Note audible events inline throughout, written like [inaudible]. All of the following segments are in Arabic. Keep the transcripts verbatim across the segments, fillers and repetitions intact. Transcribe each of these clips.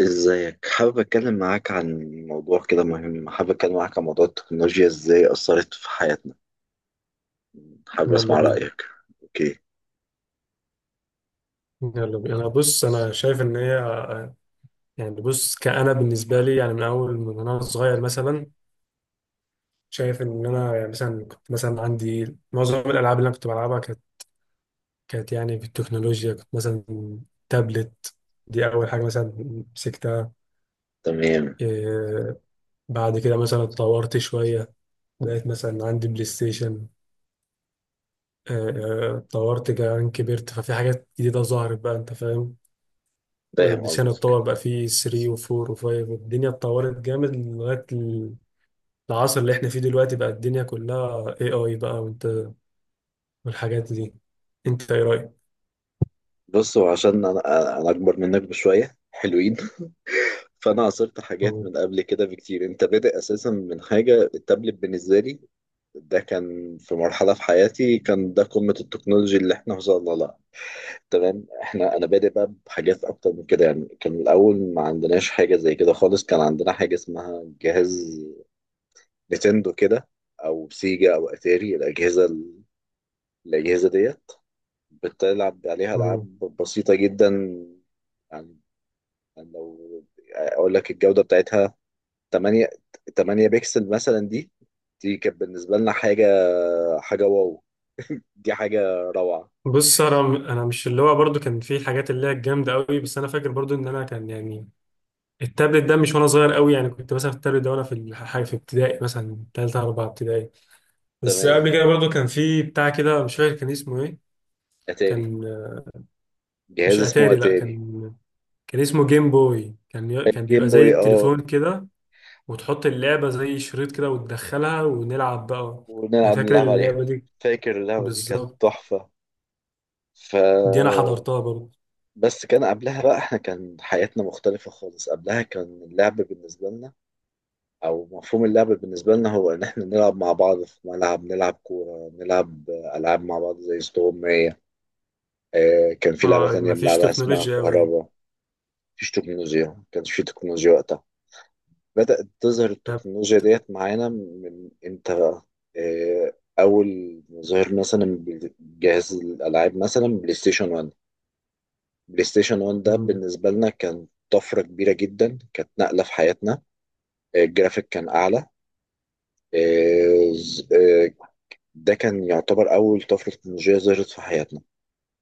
ازيك، حابب اتكلم معاك عن موضوع كده مهم. حابب اتكلم معاك عن موضوع التكنولوجيا ازاي اثرت في حياتنا. حابب يلا اسمع بينا. رايك. اوكي. يلا بينا انا بص انا شايف ان هي. يعني بص كأنا بالنسبه لي، يعني من اول من انا صغير مثلا. شايف ان انا يعني مثلا كنت مثلا عندي معظم الالعاب اللي انا كنت بلعبها كانت كانت يعني في التكنولوجيا. كنت مثلا تابلت، دي اول حاجه مثلا مسكتها. تمام. إيه، بعد كده مثلا اتطورت شويه، بقيت مثلا عندي بلاي ستيشن. آه، آه، اتطورت كمان، كبرت ففي حاجات جديده ظهرت بقى، انت فاهم؟ فاهم ديشان قصدك. اتطور بقى، فيه تلاتة و4 و5 والدنيا اتطورت جامد لغاية العصر اللي احنا فيه دلوقتي. بقى الدنيا كلها اي اي بقى، وانت والحاجات دي، انت ايه رأيك؟ بص، هو عشان انا انا اكبر منك بشويه حلوين. [laughs] فانا عاصرت حاجات مم. من قبل كده بكتير. انت بادئ اساسا من حاجه التابلت. بالنسبه لي ده كان في مرحله في حياتي كان ده قمه التكنولوجيا اللي احنا وصلنا لها. تمام، احنا انا بادئ بقى بحاجات اكتر من كده. يعني كان الاول ما عندناش حاجه زي كده خالص. كان عندنا حاجه اسمها جهاز نينتندو كده، او سيجا او اتاري. الاجهزه الاجهزه ديت بتلعب عليها مم. العاب بسيطه جدا. يعني يعني لو اقول لك الجوده بتاعتها ثمانية ثمانية بكسل مثلا. دي دي كانت بالنسبه لنا حاجه، حاجه واو، دي حاجه روعه. بص انا، انا مش اللي هو، برضو كان في حاجات اللي هي الجامدة قوي، بس انا فاكر برضو ان انا كان يعني التابلت ده مش وانا صغير قوي، يعني كنت مثلا في التابلت ده وانا في الحاجة في ابتدائي، مثلا تالتة رابعة ابتدائي. بس تمام، قبل كده برضو كان في بتاع كده مش فاكر كان اسمه ايه. اتاري، كان، جهاز مش اسمه اتاري، لا، اتاري. كان كان اسمه جيم بوي، كان ي- كان بيبقى الجيم زي بوي، اه، التليفون كده، وتحط اللعبة زي شريط كده وتدخلها ونلعب بقى. أنا ونلعب، فاكر نلعب عليها. اللعبة دي، فاكر اللعبة دي كانت بالظبط، تحفة. ف دي أنا حضرتها برضه. بس كان قبلها بقى احنا كان حياتنا مختلفة خالص. قبلها كان اللعب بالنسبة لنا، أو مفهوم اللعب بالنسبة لنا، هو إن احنا نلعب مع بعض في ملعب، نلعب كورة، نلعب ألعاب مع بعض زي استغماية. آه، كان في لعبة اه، تانية مفيش بنلعبها اسمها تكنولوجيا أوي يعني. كهربا. مفيش تكنولوجيا، ما كانش في تكنولوجيا وقتها. بدأت تظهر طب- التكنولوجيا ت- ديت معانا من امتى بقى؟ آه، أول ما ظهر مثلا جهاز الألعاب، مثلا بلاي ستيشن واحد. بلاي ستيشن واحد ده مم. بالنسبة لنا كان طفرة كبيرة جدا، كانت نقلة في حياتنا. آه، الجرافيك كان أعلى. آه، ز- آه، ده كان يعتبر أول طفرة تكنولوجية ظهرت في حياتنا.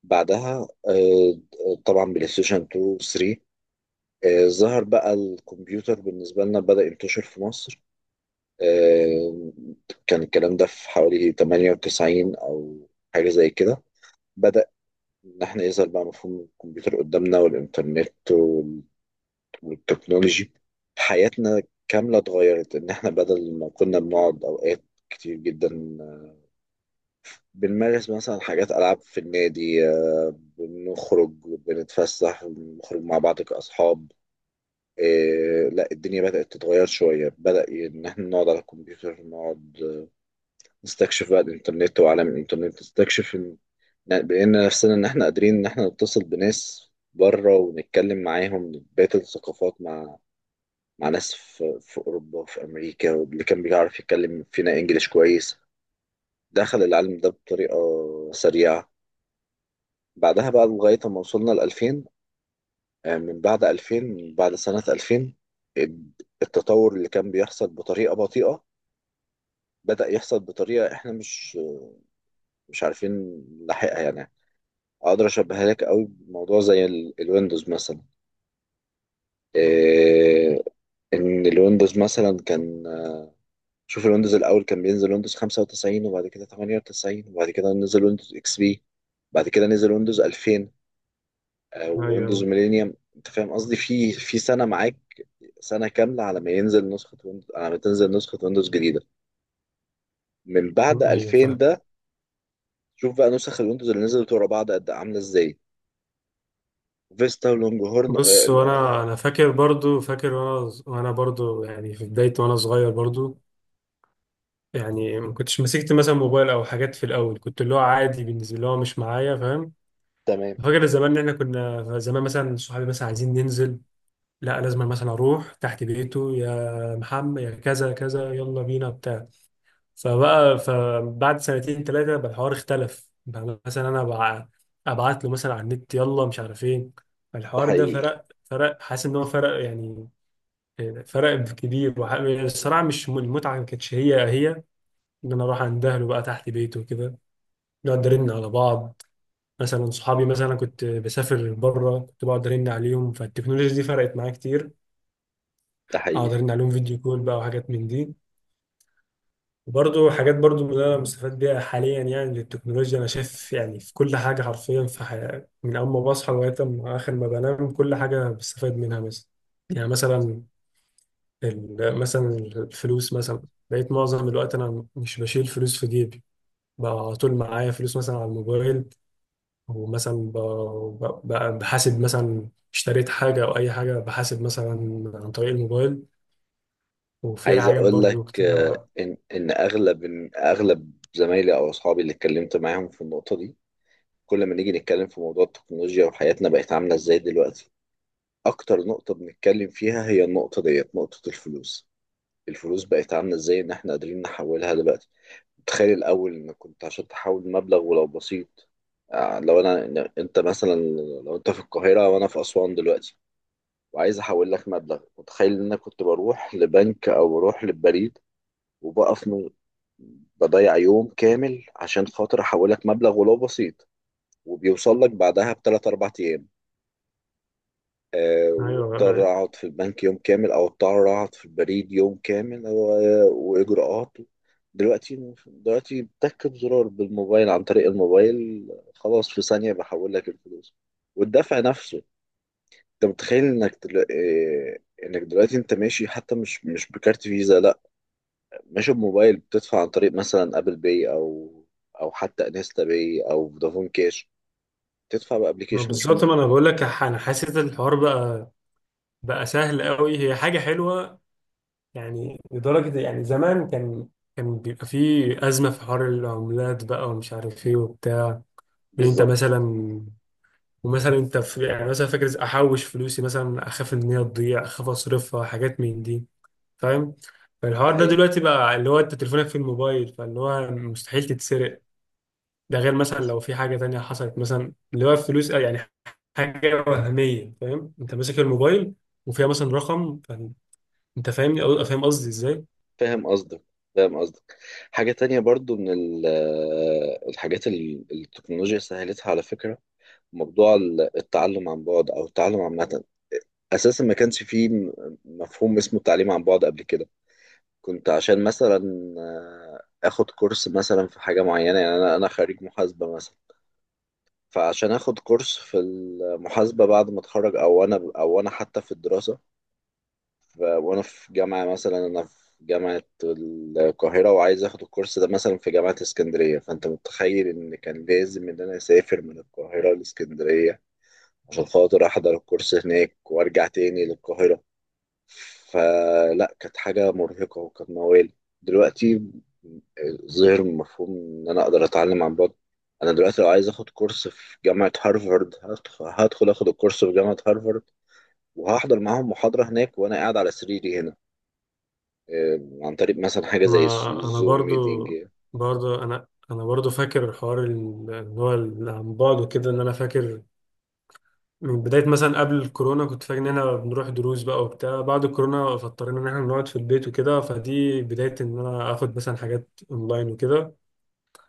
بعدها آه، طبعا بلاي ستيشن اتنين و تلاتة. آه، ظهر بقى الكمبيوتر بالنسبة لنا، بدأ ينتشر في مصر. آه، كان الكلام ده في حوالي تمانية وتسعين أو حاجة زي كده. بدأ إن إحنا يظهر بقى مفهوم الكمبيوتر قدامنا، والإنترنت وال- والتكنولوجي. حياتنا كاملة اتغيرت. إن إحنا بدل ما كنا بنقعد أوقات كتير جدا بنمارس مثلا حاجات، ألعاب في النادي، آه، بنخرج، بنتفسح، بنخرج مع بعض كأصحاب. إيه، لا، الدنيا بدأت تتغير شوية. بدأ إن إحنا نقعد على الكمبيوتر، نقعد نستكشف بقى الانترنت وعالم الانترنت، نستكشف إن- بقينا نفسنا ان احنا قادرين ان احنا نتصل بناس بره ونتكلم معاهم، بقية الثقافات، مع مع ناس في, في اوروبا وفي امريكا. واللي كان بيعرف يتكلم فينا انجليش كويس دخل العالم ده بطريقة سريعة. بعدها بقى لغاية ما وصلنا ل ألفين. آه، من بعد ألفين، من بعد سنة ألفين التطور اللي كان بيحصل بطريقة بطيئة بدأ يحصل بطريقة احنا مش مش عارفين نلاحقها يعني. اقدر اشبهها لك قوي بموضوع زي ال- الويندوز مثلا. إيه، ان الويندوز مثلا كان، شوف الويندوز الاول كان بينزل ويندوز خمسة وتسعين، وبعد كده ثمانية وتسعين، وبعد كده نزل ويندوز اكس بي، بعد كده نزل ويندوز ألفين، ويندوز أيوه. ميلينيوم. انت فاهم قصدي، في في سنه معاك، سنه كامله على ما ينزل نسخه ويندوز، على ما تنزل نسخه ويندوز جديده. من بعد مم، أيوه ألفين فاهم. ده شوف بقى نسخ الويندوز اللي نزلت ورا بعض قد إيه، عامله ازاي. فيستا ولونج هورن. بص، آه. وأنا أنا فاكر برضه، فاكر وأنا ز- وأنا برضه يعني في بداية وأنا صغير برضه، يعني ما كنتش مسكت مثلا موبايل أو حاجات، في الأول كنت اللي هو عادي بالنسبة لي، اللي هو مش معايا، فاهم؟ تمام. فاكر زمان إن إحنا كنا زمان مثلا صحابي مثلا عايزين ننزل، لا لازم مثلا اروح تحت بيته يا محمد يا كذا كذا يلا بينا بتاع. فبقى فبعد سنتين ثلاثه بقى الحوار اختلف، بقى مثلا انا بقى ابعت له مثلا على النت يلا مش عارف ايه. ده الحوار ده حقيقي. فرق، فرق حاسس ان هو فرق يعني، فرق كبير. وح- الصراحه مش م- المتعه ما كانتش هي هي، ان انا اروح عند اهله بقى تحت بيته وكده، نقعد نرن على بعض. مثلا صحابي مثلا كنت بسافر بره كنت بقعد ارن عليهم، فالتكنولوجيا دي فرقت معايا كتير. ده اقدر حقيقي. ان عليهم فيديو كول بقى وحاجات من دي. وبرضه حاجات برضه اللي انا مستفاد بيها حاليا يعني للتكنولوجيا، انا شايف يعني في كل حاجه حرفيا في حياتي، من اول ما بصحى لغايه ما اخر ما بنام كل حاجه بستفاد منها مثلا. يعني مثلا ال- مثلا الفلوس مثلا، بقيت معظم الوقت انا مش بشيل فلوس في جيبي، بقى على طول معايا فلوس مثلا على الموبايل، ومثلا ب- ب- ب- بحاسب مثلا، اشتريت حاجه او اي حاجه بحاسب مثلا عن طريق الموبايل. وفي عايز حاجات اقول لك، برضو آه، كتيرة. ان ان اغلب إن اغلب زمايلي او اصحابي اللي اتكلمت معاهم في النقطه دي، كل ما نيجي نتكلم في موضوع التكنولوجيا وحياتنا بقت عامله ازاي دلوقتي، اكتر نقطه بنتكلم فيها هي النقطه ديت، نقطه الفلوس. الفلوس بقت عامله ازاي ان احنا قادرين نحولها دلوقتي. تخيل الاول، ان كنت عشان تحول مبلغ ولو بسيط، آه، لو انا إن- انت مثلا، لو انت في القاهره وانا في اسوان دلوقتي وعايز احول لك مبلغ، متخيل ان انا كنت بروح لبنك او بروح للبريد، وبقف من بضيع يوم كامل عشان خاطر احولك مبلغ ولو بسيط، وبيوصل لك بعدها بثلاث اربع ايام. أه، أيوة، واضطر اقعد في البنك يوم كامل، او اضطر اقعد في البريد يوم كامل و- واجراءات. دلوقتي دلوقتي بتكب زرار بالموبايل، عن طريق الموبايل خلاص في ثانية بحول لك الفلوس. والدفع نفسه، انت متخيل انك دل... آه، انك دلوقتي انت ماشي حتى مش، مش بكارت فيزا، لا، مش بموبايل بتدفع، عن طريق مثلا ابل باي، او او حتى انستا باي او فودافون كاش. تدفع ما بابلكيشن مش م... بالظبط، ما انا بقول لك. ح- انا حاسس ان الحوار بقى بقى سهل قوي، هي حاجه حلوه. يعني لدرجه يعني زمان كان كان بيبقى فيه ازمه في حوار العملات بقى، ومش عارف ايه وبتاع. ان انت بالظبط. مثلا، ومثلا انت في يعني مثلا فاكر احوش فلوسي مثلا، اخاف ان هي تضيع، اخاف اصرفها، حاجات من دي، فاهم؟ ده فالحوار ده حقيقي. دلوقتي بقى اللي هو انت تليفونك في الموبايل، فاللي هو مستحيل تتسرق. ده غير مثلا لو في حاجة تانية حصلت، مثلا اللي هو فلوس يعني، حاجة وهمية، فاهم؟ انت ماسك الموبايل وفيها مثلا رقم. فن- انت فاهمني؟ أو- فاهم قصدي ازاي؟ فاهم قصدك. فاهم قصدك. حاجة تانية برضو من ال- الحاجات اللي التكنولوجيا سهلتها على فكرة، موضوع ال- التعلم عن بعد، أو التعلم عامة. أساسا ما كانش فيه م- مفهوم اسمه التعليم عن بعد قبل كده. كنت عشان مثلا، آه، آخد كورس مثلا في حاجة معينة، يعني أنا، أنا خريج محاسبة مثلا، فعشان اخد كورس في المحاسبة بعد ما اتخرج، او انا، او انا حتى في الدراسة، ف- وانا في جامعة مثلا، انا في جامعة القاهرة، وعايز اخد الكورس ده مثلا في جامعة اسكندرية، فانت متخيل ان كان لازم ان انا اسافر من القاهرة لاسكندرية عشان خاطر احضر الكورس هناك وارجع تاني للقاهرة. فلا، كانت حاجة مرهقة وكانت موال. دلوقتي ظهر مفهوم إن أنا أقدر أتعلم عن بعد. أنا دلوقتي لو عايز أخد كورس في جامعة هارفارد، هدخ- هدخل أخد الكورس في جامعة هارفارد وهحضر معاهم محاضرة هناك وأنا قاعد على سريري هنا، آه، عن طريق مثلا حاجة انا زي الس- انا الزوم برضو ميتينج. برضو انا انا برضو فاكر حوار ال- اللي هو ال- عن بعد وكده، ان انا فاكر من بداية مثلا قبل الكورونا كنت فاكر ان احنا بنروح دروس بقى وبتاع، بعد الكورونا فاضطرينا ان احنا نقعد في البيت وكده، فدي بداية ان انا اخد مثلا حاجات اونلاين وكده.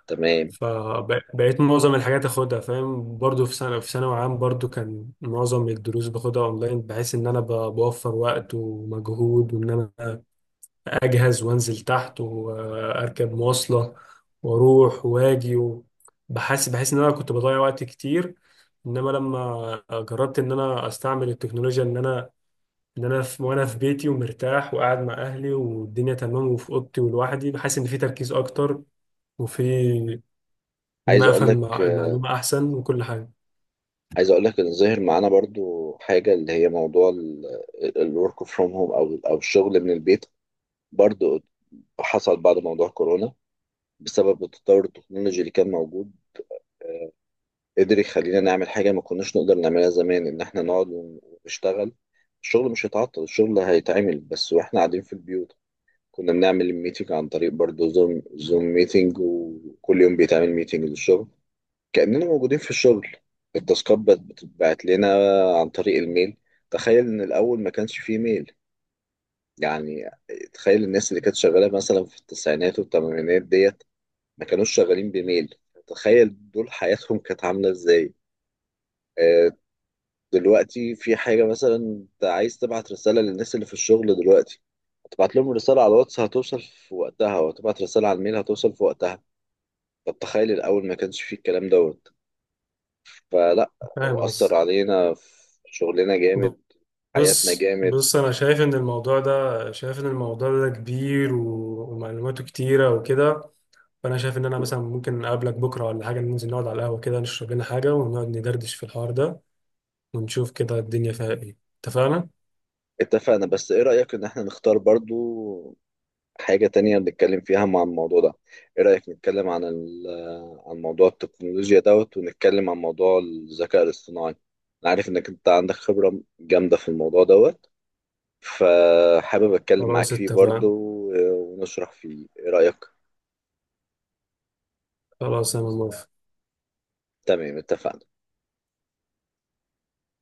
تمام. فبقيت معظم الحاجات اخدها، فاهم، برضو في سنة في ثانوي عام برضو كان معظم الدروس باخدها اونلاين، بحيث ان انا ب- بوفر وقت ومجهود، وان انا اجهز وانزل تحت واركب مواصلة واروح واجي. و- بحس بحس ان انا كنت بضيع وقت كتير. انما لما جربت ان انا استعمل التكنولوجيا، ان انا ان انا في، وانا في بيتي ومرتاح وقاعد مع اهلي والدنيا تمام وفي اوضتي ولوحدي، بحس ان في تركيز اكتر، وفي ان عايز انا أقول افهم لك، المع- آه، المعلومه احسن وكل حاجه. عايز أقول لك إن ظهر معانا برضو حاجة اللي هي موضوع الورك فروم هوم، أو أو الشغل من البيت. برضو حصل بعد موضوع كورونا، بسبب التطور التكنولوجي اللي كان موجود، قدر يخلينا نعمل حاجة ما كناش نقدر نعملها زمان. إن إحنا نقعد ون- ونشتغل. الشغل مش هيتعطل، الشغل هيتعمل بس وإحنا قاعدين في البيوت. كنا بنعمل الميتنج عن طريق برضه زوم، زوم ميتنج، وكل يوم بيتعمل ميتنج للشغل كأننا موجودين في الشغل. التاسكات بت- بتتبعت لنا عن طريق الميل. تخيل إن الأول ما كانش فيه ميل. يعني تخيل الناس اللي كانت شغالة مثلا في التسعينات والثمانينات ديت ما كانوش شغالين بميل، تخيل دول حياتهم كانت عاملة ازاي. آه، دلوقتي في حاجة، مثلا انت عايز تبعت رسالة للناس اللي في الشغل دلوقتي، هتبعت لهم رسالة على الواتس، هتوصل في وقتها، وهتبعت رسالة على الميل، هتوصل في وقتها. طب تخيل الأول ما كانش فيه الكلام دوت. فلا، فاهم هو أثر قصدك. علينا في شغلنا جامد، حياتنا بص جامد. بص انا شايف ان الموضوع ده، شايف ان الموضوع ده كبير و- ومعلوماته كتيره وكده. فانا شايف ان انا مثلا ممكن اقابلك بكره ولا حاجه، ننزل نقعد على القهوه كده، نشرب لنا حاجه ونقعد ندردش في الحوار ده، ونشوف كده الدنيا فيها ايه، اتفقنا؟ اتفقنا، بس ايه رأيك ان احنا نختار برضو حاجة تانية نتكلم فيها مع الموضوع ده؟ ايه رأيك نتكلم عن ال- عن موضوع التكنولوجيا دوت، ونتكلم عن موضوع الذكاء الاصطناعي؟ انا عارف انك انت عندك خبرة جامدة في الموضوع دوت، فحابب اتكلم معاك خلاص فيه برضه اتفقنا. و- ونشرح فيه. ايه رأيك؟ خلاص انا موافق. تمام، اتفقنا.